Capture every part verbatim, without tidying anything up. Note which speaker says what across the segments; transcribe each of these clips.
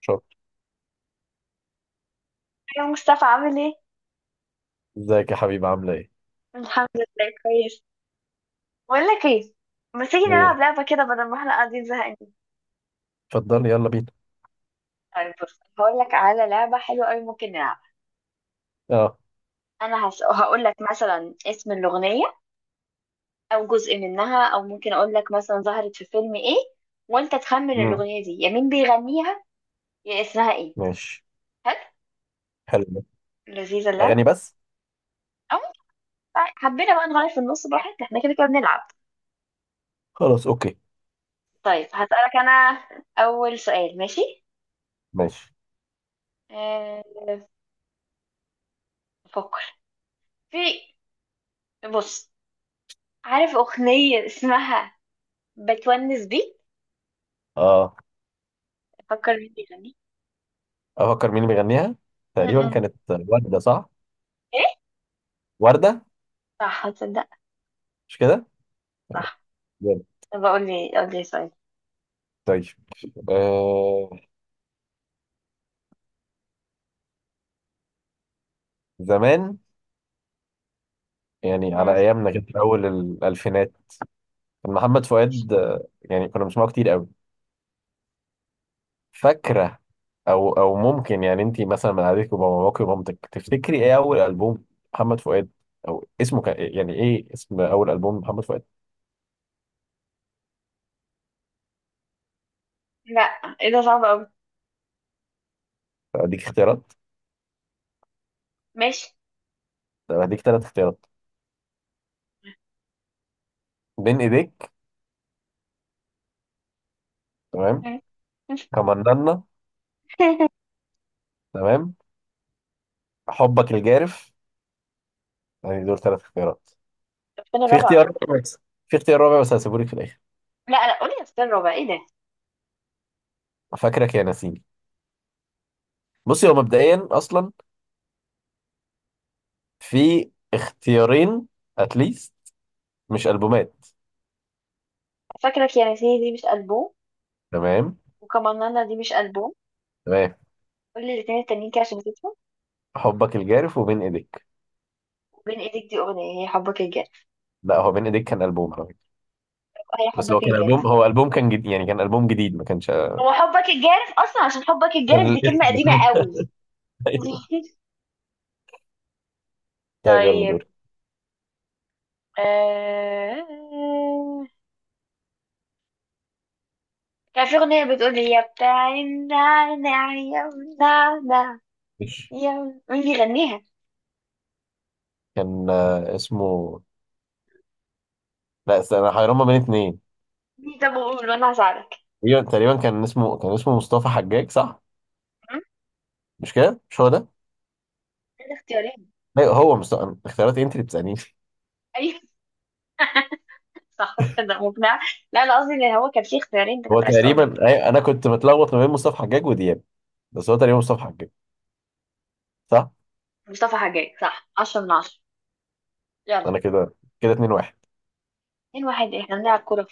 Speaker 1: شكرا.
Speaker 2: يا مصطفى عامل ايه؟
Speaker 1: ازيك يا حبيبي؟ عاملة ايه؟
Speaker 2: الحمد لله كويس. بقول لك ايه، ما تيجي نلعب
Speaker 1: ايه؟
Speaker 2: لعبة كده بدل ما احنا قاعدين زهقانين.
Speaker 1: اتفضلي، يلا بينا.
Speaker 2: طيب بص، هقول لك على لعبة حلوة قوي ممكن نلعبها.
Speaker 1: اه.
Speaker 2: انا هس... هقول لك مثلا اسم الأغنية، او جزء منها، او ممكن اقول لك مثلا ظهرت في فيلم ايه، وانت تخمن
Speaker 1: مم.
Speaker 2: الأغنية دي يا مين بيغنيها يا اسمها ايه.
Speaker 1: ماشي.
Speaker 2: حلو.
Speaker 1: حلو ده.
Speaker 2: لذيذة اللعبة.
Speaker 1: اغاني بس؟
Speaker 2: او طيب، حبينا بقى نغير في النص براحتنا، احنا كده كده بنلعب.
Speaker 1: خلاص، اوكي.
Speaker 2: طيب هسألك انا اول سؤال، ماشي.
Speaker 1: ماشي.
Speaker 2: أه... افكر في، بص، عارف أغنية اسمها بتونس بيك؟
Speaker 1: اه،
Speaker 2: أفكر مين بيغني.
Speaker 1: افكر مين اللي بيغنيها؟ تقريبا
Speaker 2: م-م.
Speaker 1: كانت وردة صح؟
Speaker 2: إيه،
Speaker 1: وردة.
Speaker 2: صح، هتصدق،
Speaker 1: مش كده؟
Speaker 2: صح.
Speaker 1: جامد.
Speaker 2: طب أقول لي، أقول لي سؤال.
Speaker 1: طيب، آه زمان، يعني على
Speaker 2: مم.
Speaker 1: ايامنا كده في اول الالفينات كان محمد فؤاد آه، يعني كنا بنسمعه كتير قوي. فاكرة؟ او او ممكن يعني انت مثلا من قعدتك وباباك ومامتك تفتكري ايه اول البوم محمد فؤاد، او اسمه كان إيه؟ يعني ايه اسم اول البوم محمد فؤاد؟
Speaker 2: لا، إيه ده صعب أوي.
Speaker 1: اديك اختيارات.
Speaker 2: ماشي.
Speaker 1: طب هديك ثلاث اختيارات: بين ايديك، تمام،
Speaker 2: مم.
Speaker 1: كمننا، تمام، حبك الجارف. يعني دول ثلاث اختيارات.
Speaker 2: السنة
Speaker 1: في
Speaker 2: الرابعة.
Speaker 1: اختيار كويس. في اختيار رابع بس هسيبهولك في الاخر.
Speaker 2: لا لا، قولي السنة الرابعة إيه ده.
Speaker 1: فاكرك يا نسيني. بصي، هو مبدئيا اصلا في اختيارين اتليست، مش البومات.
Speaker 2: فاكرك يا نسيني دي مش ألبوم.
Speaker 1: تمام.
Speaker 2: وكمانانا دي مش ألبوم.
Speaker 1: تمام.
Speaker 2: قولي الاتنين التانيين كده عشان نسيتهم.
Speaker 1: حبك الجارف وبين ايديك.
Speaker 2: وبين إيدك دي أغنية، هي حبك الجارف؟
Speaker 1: لا، هو بين ايديك كان البوم على فكره.
Speaker 2: هي
Speaker 1: بس هو
Speaker 2: حبك
Speaker 1: كان
Speaker 2: الجارف.
Speaker 1: البوم، هو البوم كان جديد، يعني كان البوم جديد، ما كانش
Speaker 2: هو حبك الجارف أصلا، عشان حبك
Speaker 1: كان
Speaker 2: الجارف دي كلمة
Speaker 1: الاسم
Speaker 2: قديمة قوي.
Speaker 1: ايوه. طيب يلا
Speaker 2: طيب.
Speaker 1: دوري.
Speaker 2: آه... كان في أغنية بتقول يا بتاع النعناع يا النعناع،
Speaker 1: ماشي.
Speaker 2: يا مين بيغنيها؟
Speaker 1: كان آه، اسمه، لا استنى، انا حيران ما بين اتنين.
Speaker 2: مين؟ طب قول وأنا هساعدك.
Speaker 1: تقريبا تقريبا كان اسمه، كان اسمه مصطفى حجاج صح؟
Speaker 2: م؟
Speaker 1: مش كده؟ مش هو ده؟
Speaker 2: كان اختيارين.
Speaker 1: لا هو مصطفى. اختيارات إيه؟ انت اللي بتسالني.
Speaker 2: أيوة. صح صدق مقنعة. لا أنا قصدي إن هو كان في اختيارين أنت
Speaker 1: هو
Speaker 2: كنت عايز تقولهم.
Speaker 1: تقريبا أي- انا كنت متلخبط ما بين مصطفى حجاج ودياب، بس هو تقريبا مصطفى حجاج، صح.
Speaker 2: مصطفى حجاج، صح، عشرة من عشرة. يلا.
Speaker 1: انا كده، كده اتنين واحد.
Speaker 2: اتنين واحد، إحنا بنلعب كورة.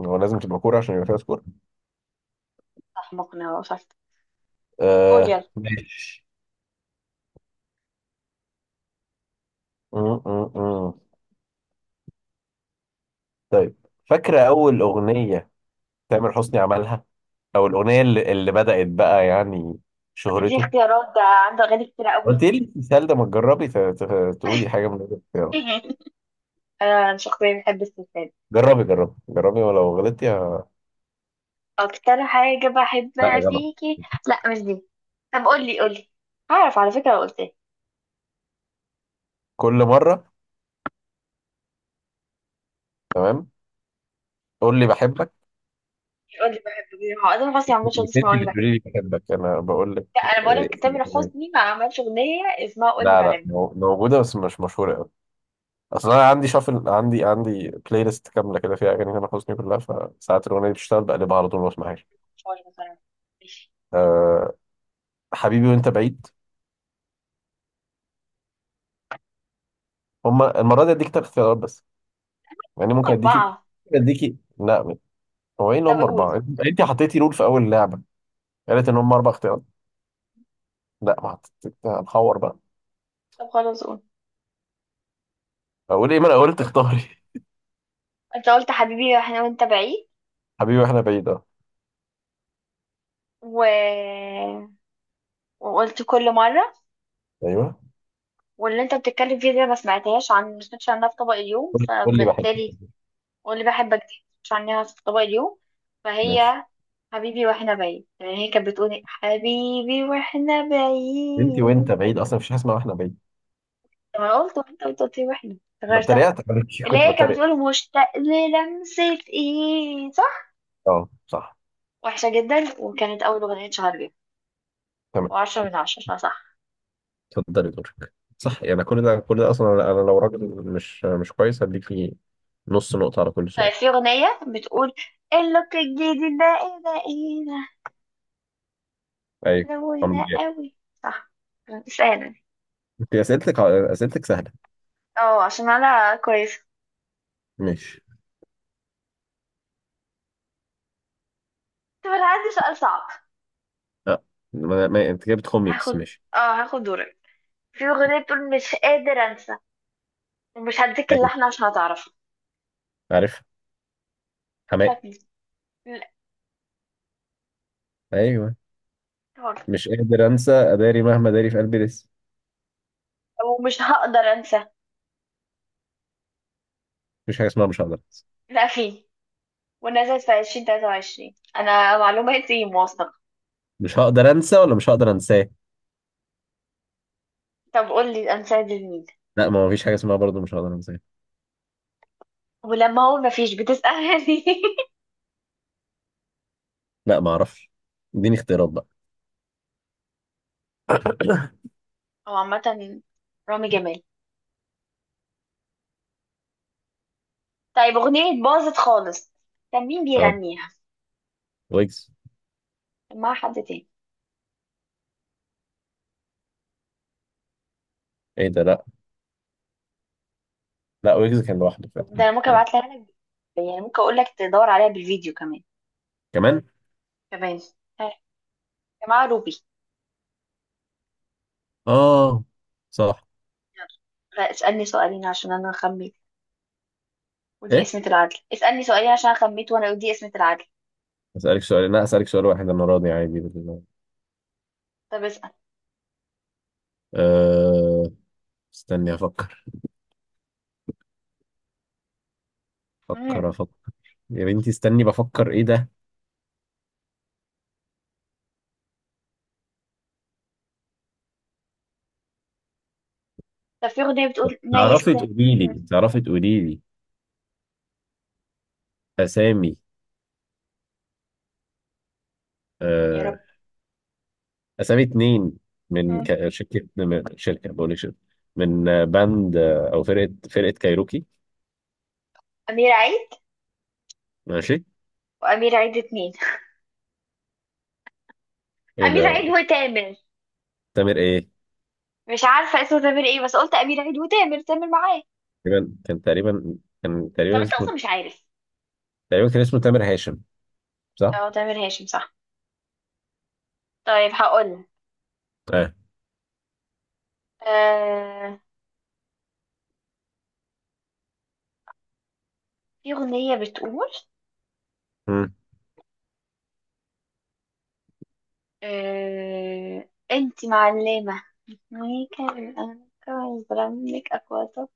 Speaker 1: هو لازم تبقى كوره عشان يبقى فيها سكور؟
Speaker 2: صح مقنعة وصفت. قول يلا.
Speaker 1: آه... ماشي. م- م- م. طيب، فاكرة أول أغنية تامر حسني عملها، أو الأغنية اللي, اللي بدأت بقى يعني
Speaker 2: طب دي
Speaker 1: شهرته؟
Speaker 2: اختيارات، ده عنده أغاني كتيرة قوي.
Speaker 1: قلت لي السؤال ده، ما تجربي ت- ت- تقولي حاجة من الاختيارات.
Speaker 2: أنا شخصيا بحب السلسلة.
Speaker 1: جربي جربي جربي ولو غلطتي ه-
Speaker 2: أكتر حاجة
Speaker 1: لا،
Speaker 2: بحبها
Speaker 1: غلط.
Speaker 2: فيكي. لا مش دي. طب قولي قولي، هعرف على فكرة لو قلت.
Speaker 1: كل مرة، تمام. قول لي بحبك.
Speaker 2: قول لي بحبك دي. هو اصلا حسني
Speaker 1: مش
Speaker 2: ما عملش
Speaker 1: مش
Speaker 2: اغنيه
Speaker 1: انت
Speaker 2: اسمها قول لي
Speaker 1: اللي
Speaker 2: بحبك.
Speaker 1: تقولي لي بحبك، أنا بقول لك.
Speaker 2: لا انا بقول
Speaker 1: إيه
Speaker 2: لك
Speaker 1: اسم
Speaker 2: تامر
Speaker 1: الأغنية؟
Speaker 2: حسني ما عملش اغنيه اسمها قول لي
Speaker 1: لا لا،
Speaker 2: بحبك.
Speaker 1: مو- موجودة بس مش مشهورة أوي. أصل أنا عندي شافل، عندي عندي بلاي ليست كاملة كده فيها أغاني تامر حسني كلها، فساعات الأغنية دي بتشتغل بقلبها على طول ما بسمعهاش.
Speaker 2: مش هو اللي مثلا. ماشي.
Speaker 1: أه، حبيبي وأنت بعيد. هما المرة دي اديك تلات اختيارات بس، يعني
Speaker 2: هم
Speaker 1: ممكن اديكي،
Speaker 2: اربعه.
Speaker 1: اديكي لا. هو ايه ان
Speaker 2: طب
Speaker 1: هم
Speaker 2: قول.
Speaker 1: اربعة؟ انت حطيتي رول في اول لعبة، قالت ان هم اربع اختيارات. لا، ما حطيت. هنحور بقى.
Speaker 2: طب خلاص قول.
Speaker 1: اقول ايه؟ ما انا قلت اختاري.
Speaker 2: انت قلت حبيبي احنا وانت بعيد،
Speaker 1: حبيبي واحنا بعيد، اه.
Speaker 2: و... وقلت كل مره،
Speaker 1: ايوه.
Speaker 2: واللي انت بتتكلم فيه دي ما سمعتهاش، عن ما سمعتش عنها في طبق اليوم،
Speaker 1: قول، قول لي بحب.
Speaker 2: فبالتالي قول لي بحبك دي مش عنها في طبق اليوم،
Speaker 1: ماشي.
Speaker 2: فهي حبيبي واحنا بعيد. يعني هي كانت بتقولي حبيبي واحنا
Speaker 1: انت
Speaker 2: بعيد.
Speaker 1: وانت بعيد، اصلا مفيش حاجة اسمها واحنا بعيد.
Speaker 2: طب انا قلت وانت قلت قلت لي واحنا،
Speaker 1: انا
Speaker 2: غيرت.
Speaker 1: اتريقت عليكي،
Speaker 2: اللي
Speaker 1: كنت
Speaker 2: هي كانت
Speaker 1: بتريق.
Speaker 2: بتقول مشتاق للمسة، ايه، صح.
Speaker 1: اه صح.
Speaker 2: وحشة جدا، وكانت أول أغنية اتشهر بيها.
Speaker 1: تمام.
Speaker 2: وعشرة من عشرة، صح صح.
Speaker 1: اتفضلي دورك. صح. يعني كل ده، كل ده اصلا انا، أنا لو راجل مش مش كويس. هديكي نص نقطة على كل سؤال.
Speaker 2: طيب في أغنية بتقول اللوك الجديد ده ايه، ده ايه،
Speaker 1: ايوه،
Speaker 2: ده
Speaker 1: عمرو
Speaker 2: روينا
Speaker 1: جاب.
Speaker 2: قوي. صح. اسألني.
Speaker 1: انت اسئلتك، اسئلتك سهلة.
Speaker 2: اه عشان أنا كويسة.
Speaker 1: ماشي.
Speaker 2: طب أنا عندي سؤال صعب.
Speaker 1: لا ما ما- انت كده بتخمي بس،
Speaker 2: هاخد.
Speaker 1: ماشي.
Speaker 2: اه. هاخد دورك. في أغنية بتقول مش قادر أنسى، ومش هديك
Speaker 1: ايوه،
Speaker 2: اللحن عشان هتعرفه.
Speaker 1: عارف، حماقي.
Speaker 2: بتاعت مين؟ لا.
Speaker 1: ايوه، مش قادر انسى، اداري مهما داري في قلبي لسه.
Speaker 2: ومش هقدر أنسى.
Speaker 1: مفيش حاجه اسمها مش هقدر انسى.
Speaker 2: لا في. ونزلت في عشرين تلاتة وعشرين، أنا معلوماتي موثقة.
Speaker 1: مش هقدر انسى ولا مش هقدر انساه؟
Speaker 2: طب قولي أنسة لمين.
Speaker 1: لا، ما فيش حاجه اسمها برضه مش هقدر انساه.
Speaker 2: ولما هو مفيش بتسألني.
Speaker 1: لا، ما اعرفش. اديني اختيارات بقى.
Speaker 2: هو عامة رامي جمال. طيب أغنية باظت خالص، كان مين
Speaker 1: اه،
Speaker 2: بيغنيها؟
Speaker 1: ويجز.
Speaker 2: كان معاها حد تاني.
Speaker 1: ايه ده؟ لا، لا ويجز كان لوحده
Speaker 2: ده
Speaker 1: فعلا.
Speaker 2: أنا ممكن
Speaker 1: آه.
Speaker 2: أبعتلها لك، يعني ممكن أقول لك تدور عليها بالفيديو كمان.
Speaker 1: كمان.
Speaker 2: كمان. ها، يا جماعة روبي.
Speaker 1: اه، صح.
Speaker 2: يلا. لا اسألني سؤالين عشان أنا خميت ودي
Speaker 1: ايه؟
Speaker 2: قسمة العدل. اسألني سؤالين عشان أنا خميت وأنا ودي قسمة العدل.
Speaker 1: اسالك سؤال؟ لا، اسالك سؤال واحد، انا راضي عادي بالله.
Speaker 2: طب اسأل.
Speaker 1: أه... استني افكر. افكر
Speaker 2: مم.
Speaker 1: افكر يا بنتي استني بفكر، ايه ده.
Speaker 2: طب في أغنية بتقول ما
Speaker 1: تعرفي
Speaker 2: يست.
Speaker 1: تقولي
Speaker 2: مم.
Speaker 1: لي، تعرفي تقولي لي اسامي،
Speaker 2: يا
Speaker 1: آه،
Speaker 2: رب.
Speaker 1: اسامي اتنين من
Speaker 2: مم.
Speaker 1: ك- شركه، من شركه، بقول لك شركه، من آه، باند، آه، او فرقه، فرقه كايروكي.
Speaker 2: أمير عيد.
Speaker 1: ماشي.
Speaker 2: وأمير عيد اتنين.
Speaker 1: ايه
Speaker 2: أمير
Speaker 1: ده؟
Speaker 2: عيد وتامر.
Speaker 1: تامر ايه؟
Speaker 2: مش عارفة اسمه تامر ايه، بس قلت أمير عيد وتامر، تامر معاه.
Speaker 1: تقريبا كان، تقريبا كان،
Speaker 2: طب
Speaker 1: تقريبا
Speaker 2: انت
Speaker 1: اسمه،
Speaker 2: أصلا مش عارف.
Speaker 1: تقريبا كان اسمه تامر هاشم، صح؟
Speaker 2: اه تامر هاشم، صح. طيب هقول.
Speaker 1: اه.
Speaker 2: آه... في أغنية بتقول،
Speaker 1: مم.
Speaker 2: آه... انت معلمة، ميكا الأنكا برنك أكواتك،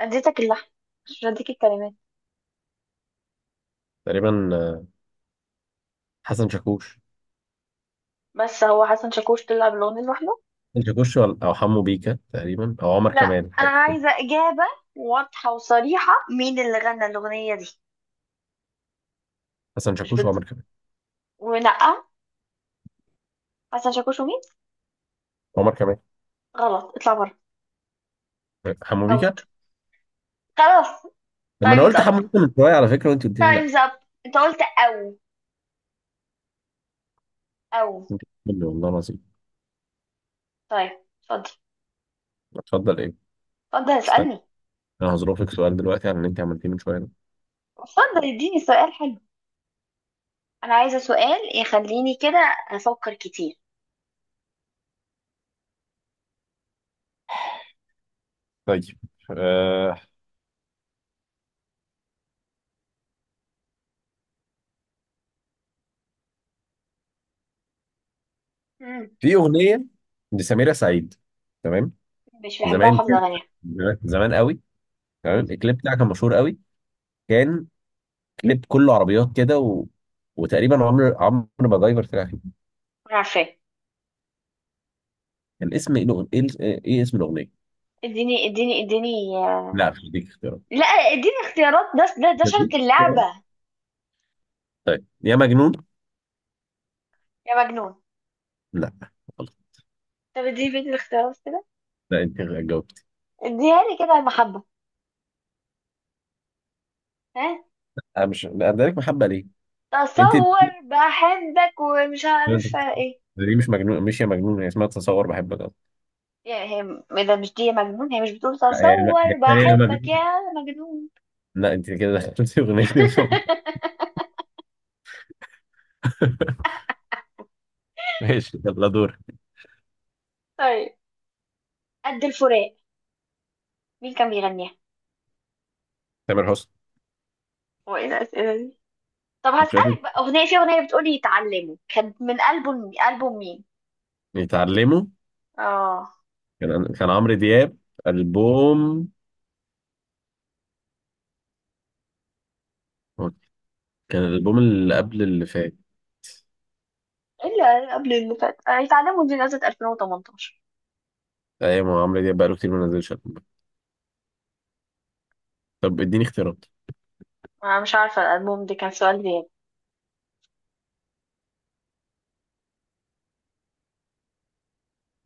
Speaker 2: اديتك اللحن مش هديك الكلمات.
Speaker 1: تقريبا، آه، حسن شاكوش.
Speaker 2: بس هو حسن شاكوش طلع بالأغنية لوحده.
Speaker 1: حسن شاكوش ولا- او حمو بيكا، تقريبا، او عمر
Speaker 2: لا،
Speaker 1: كمال،
Speaker 2: أنا
Speaker 1: حاجه كده.
Speaker 2: عايزة إجابة واضحة وصريحة، مين اللي غنى الأغنية دي.
Speaker 1: حسن
Speaker 2: مش
Speaker 1: شاكوش
Speaker 2: بد...
Speaker 1: وعمر كمال.
Speaker 2: ونقى، حسن شاكوش ومين.
Speaker 1: عمر كمال،
Speaker 2: غلط، اطلع بره.
Speaker 1: آه، حمو
Speaker 2: اوت.
Speaker 1: بيكا.
Speaker 2: خلاص.
Speaker 1: لما انا
Speaker 2: تايمز
Speaker 1: قلت
Speaker 2: اب.
Speaker 1: حمو بيكا من شويه على فكره، وانت قلت لي لا.
Speaker 2: تايمز اب. انت قلت او، او.
Speaker 1: انت بتقولي، والله العظيم.
Speaker 2: طيب اتفضل.
Speaker 1: اتفضل ايه؟
Speaker 2: اتفضل
Speaker 1: استنى،
Speaker 2: اسألني.
Speaker 1: انا هظروفك سؤال دلوقتي عن اللي انت عملتيه من شويه ده.
Speaker 2: اتفضل اديني سؤال حلو، انا عايزة سؤال يخليني كده افكر كتير.
Speaker 1: طيب، آه،
Speaker 2: مم.
Speaker 1: في اغنيه لسميرة سعيد، تمام،
Speaker 2: مش بحبها
Speaker 1: زمان
Speaker 2: وحافظة
Speaker 1: كده،
Speaker 2: اغانيها.
Speaker 1: زمان زمان قوي،
Speaker 2: مم.
Speaker 1: تمام. الكليب بتاعها كان مشهور قوي. كان كليب كله عربيات كده، و... وتقريبا عمرو عمرو ما جايبر طلع فيه.
Speaker 2: أنا عارفاه.
Speaker 1: الاسم ايه؟ الأغ- ايه، إيه اسم الاغنيه؟
Speaker 2: اديني اديني اديني
Speaker 1: لا،
Speaker 2: آه،
Speaker 1: مش دي اختيارات.
Speaker 2: لا اديني اختيارات، ده ده ده
Speaker 1: مش
Speaker 2: شرط
Speaker 1: دي.
Speaker 2: اللعبة.
Speaker 1: طيب، يا مجنون.
Speaker 2: يا مجنون.
Speaker 1: لا، غلط.
Speaker 2: طب اديني بيت الاختيارات كده.
Speaker 1: لا، انت جاوبت.
Speaker 2: اديها لي كده يا محبة. ها.
Speaker 1: انا مش ادالك محبه ليه. انت
Speaker 2: تصور بحبك ومش
Speaker 1: انت
Speaker 2: عارفة ايه.
Speaker 1: دي مش مجنون، مش يا مجنون، هي اسمها تصور بحبك.
Speaker 2: يعني هي م- اذا مش دي مجنون، هي مش بتقول
Speaker 1: آه، لا، هي
Speaker 2: تصور
Speaker 1: تقريبا
Speaker 2: بحبك يا
Speaker 1: مجنون.
Speaker 2: مجنون.
Speaker 1: لا، انت كده دخلتي اغنيتين فوق. ماشي، يلا دور.
Speaker 2: طيب، قد الفراق، مين كان بيغنيها.
Speaker 1: تامر حسني.
Speaker 2: هو ايه الاسئله دي. طب
Speaker 1: مش شايف انت؟
Speaker 2: هسألك بقى اغنيه، في اغنيه بتقولي اتعلموا، كانت من البوم، البوم مين.
Speaker 1: يتعلموا،
Speaker 2: اه.
Speaker 1: كان كان عمرو دياب. البوم، كان الالبوم اللي قبل اللي فات.
Speaker 2: اللي قبل اللي فات. آه، اتعلموا دي نزلت ألفين وتمنتاشر.
Speaker 1: ايوه، ما هو عمرو دياب بقاله كتير ما نزلش ألبوم. طب اديني اختيارات.
Speaker 2: انا مش عارفه الالبوم ده، كان سؤال غير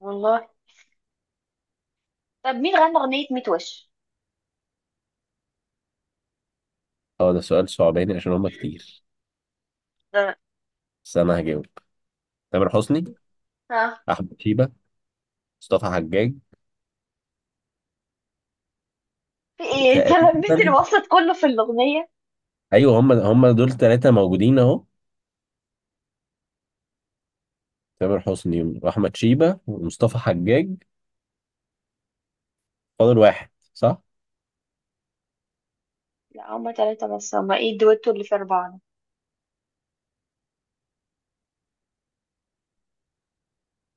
Speaker 2: والله. طب مين غنى اغنيه مية وش
Speaker 1: اه، ده سؤال صعباني عشان هما كتير،
Speaker 2: ده؟
Speaker 1: بس انا هجاوب. تامر حسني،
Speaker 2: ها؟
Speaker 1: احمد شيبة، مصطفى حجاج.
Speaker 2: في ايه انت لميت
Speaker 1: تقريبا.
Speaker 2: الوسط كله في الاغنيه.
Speaker 1: ايوه، هم هم دول ثلاثه موجودين اهو: تامر حسني واحمد شيبة ومصطفى حجاج، فاضل واحد، صح.
Speaker 2: لا هما ثلاثه بس، هما ايه الدويتو اللي في اربعه ده؟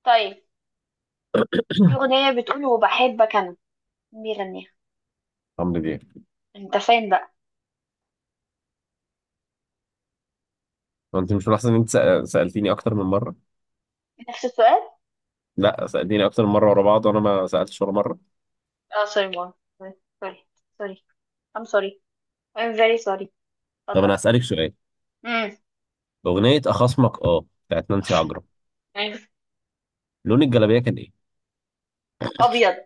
Speaker 2: طيب في أغنية بتقول وبحبك أنا، مين بيغنيها.
Speaker 1: عمرو دياب.
Speaker 2: أنت فين بقى؟
Speaker 1: هو انت مش ملاحظ ان انت سأ- سالتيني اكتر من مره؟
Speaker 2: نفس السؤال.
Speaker 1: لا، سالتيني اكتر من مره ورا بعض، وانا ما سالتش ولا مره.
Speaker 2: اه سوري ماما، سوري، سوري. I'm sorry. I'm very sorry.
Speaker 1: طب
Speaker 2: اتفضل.
Speaker 1: انا هسالك سؤال.
Speaker 2: امم.
Speaker 1: اغنيه اخصمك، اه، بتاعت نانسي عجرم،
Speaker 2: أيوة.
Speaker 1: لون الجلابيه كان ايه؟
Speaker 2: أبيض.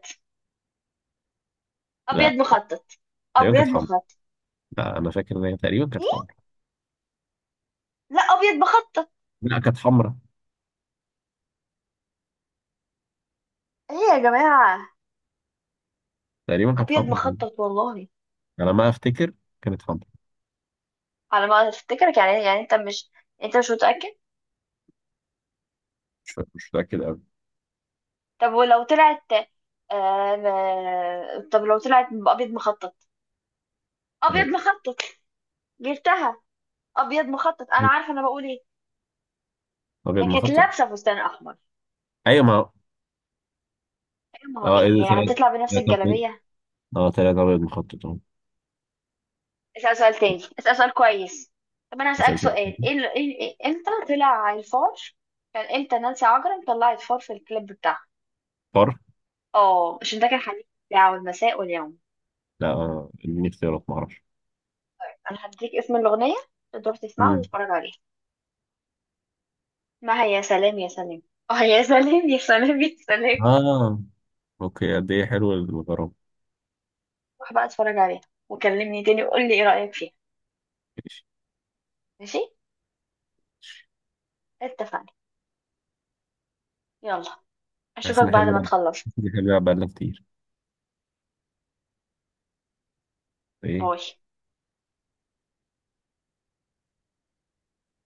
Speaker 2: أبيض
Speaker 1: لا.
Speaker 2: مخطط.
Speaker 1: تقريبا
Speaker 2: أبيض
Speaker 1: كانت حمرا.
Speaker 2: مخطط.
Speaker 1: لا، انا فاكر ان هي تقريبا كانت
Speaker 2: إيه؟
Speaker 1: حمرا.
Speaker 2: لا أبيض مخطط.
Speaker 1: لا، كانت حمرا.
Speaker 2: إيه يا جماعة؟
Speaker 1: تقريبا كانت
Speaker 2: أبيض
Speaker 1: حمرا.
Speaker 2: مخطط والله.
Speaker 1: على ما افتكر كانت حمرا.
Speaker 2: على ما أفتكرك، يعني يعني أنت مش، أنت مش متأكد.
Speaker 1: مش فاكر- مش متاكد قوي.
Speaker 2: طب ولو طلعت آه... ما- طب لو طلعت أبيض مخطط، أبيض
Speaker 1: ايه،
Speaker 2: مخطط، جبتها. أبيض مخطط، أنا عارفة أنا بقول إيه. ده
Speaker 1: ابيض
Speaker 2: كانت
Speaker 1: مخطط؟
Speaker 2: لابسه فستان احمر.
Speaker 1: ايوه، ما
Speaker 2: أيوة، ما هو
Speaker 1: اه،
Speaker 2: ايه،
Speaker 1: ايه ده؟
Speaker 2: هي
Speaker 1: تلاتة،
Speaker 2: هتطلع بنفس
Speaker 1: تلاتة أبيض.
Speaker 2: الجلابيه.
Speaker 1: اه، تلاتة ابيض مخطط، اه.
Speaker 2: اسال سؤال تاني، اسال سؤال كويس. طب انا هسالك
Speaker 1: هسأل سؤال
Speaker 2: سؤال، ايه ال- إيه- إيه- امتى طلع الفار. كان امتى نانسي عجرم طلعت فار في الكليب بتاعها.
Speaker 1: حر.
Speaker 2: اه عشان ده كان حديث بتاعه المساء واليوم.
Speaker 1: لا، آه، اديني اختيارات، معرفش.
Speaker 2: انا هديك اسم الاغنيه، تقدر تسمعها
Speaker 1: مم.
Speaker 2: وتتفرج عليها. ما هي يا سلام يا سلام. اه يا سلام يا سلام يا سلام.
Speaker 1: اه، اوكي، قد ايه حلو الغرام.
Speaker 2: روح بقى اتفرج عليها وكلمني تاني وقول لي ايه رايك فيها.
Speaker 1: ماشي.
Speaker 2: ماشي.
Speaker 1: ماشي.
Speaker 2: اتفقنا. يلا.
Speaker 1: حاسس
Speaker 2: اشوفك
Speaker 1: ان احنا
Speaker 2: بعد ما
Speaker 1: بنلعب
Speaker 2: تخلص.
Speaker 1: حاسس إن احنا بنلعب بقالنا كتير. ايه.
Speaker 2: باي.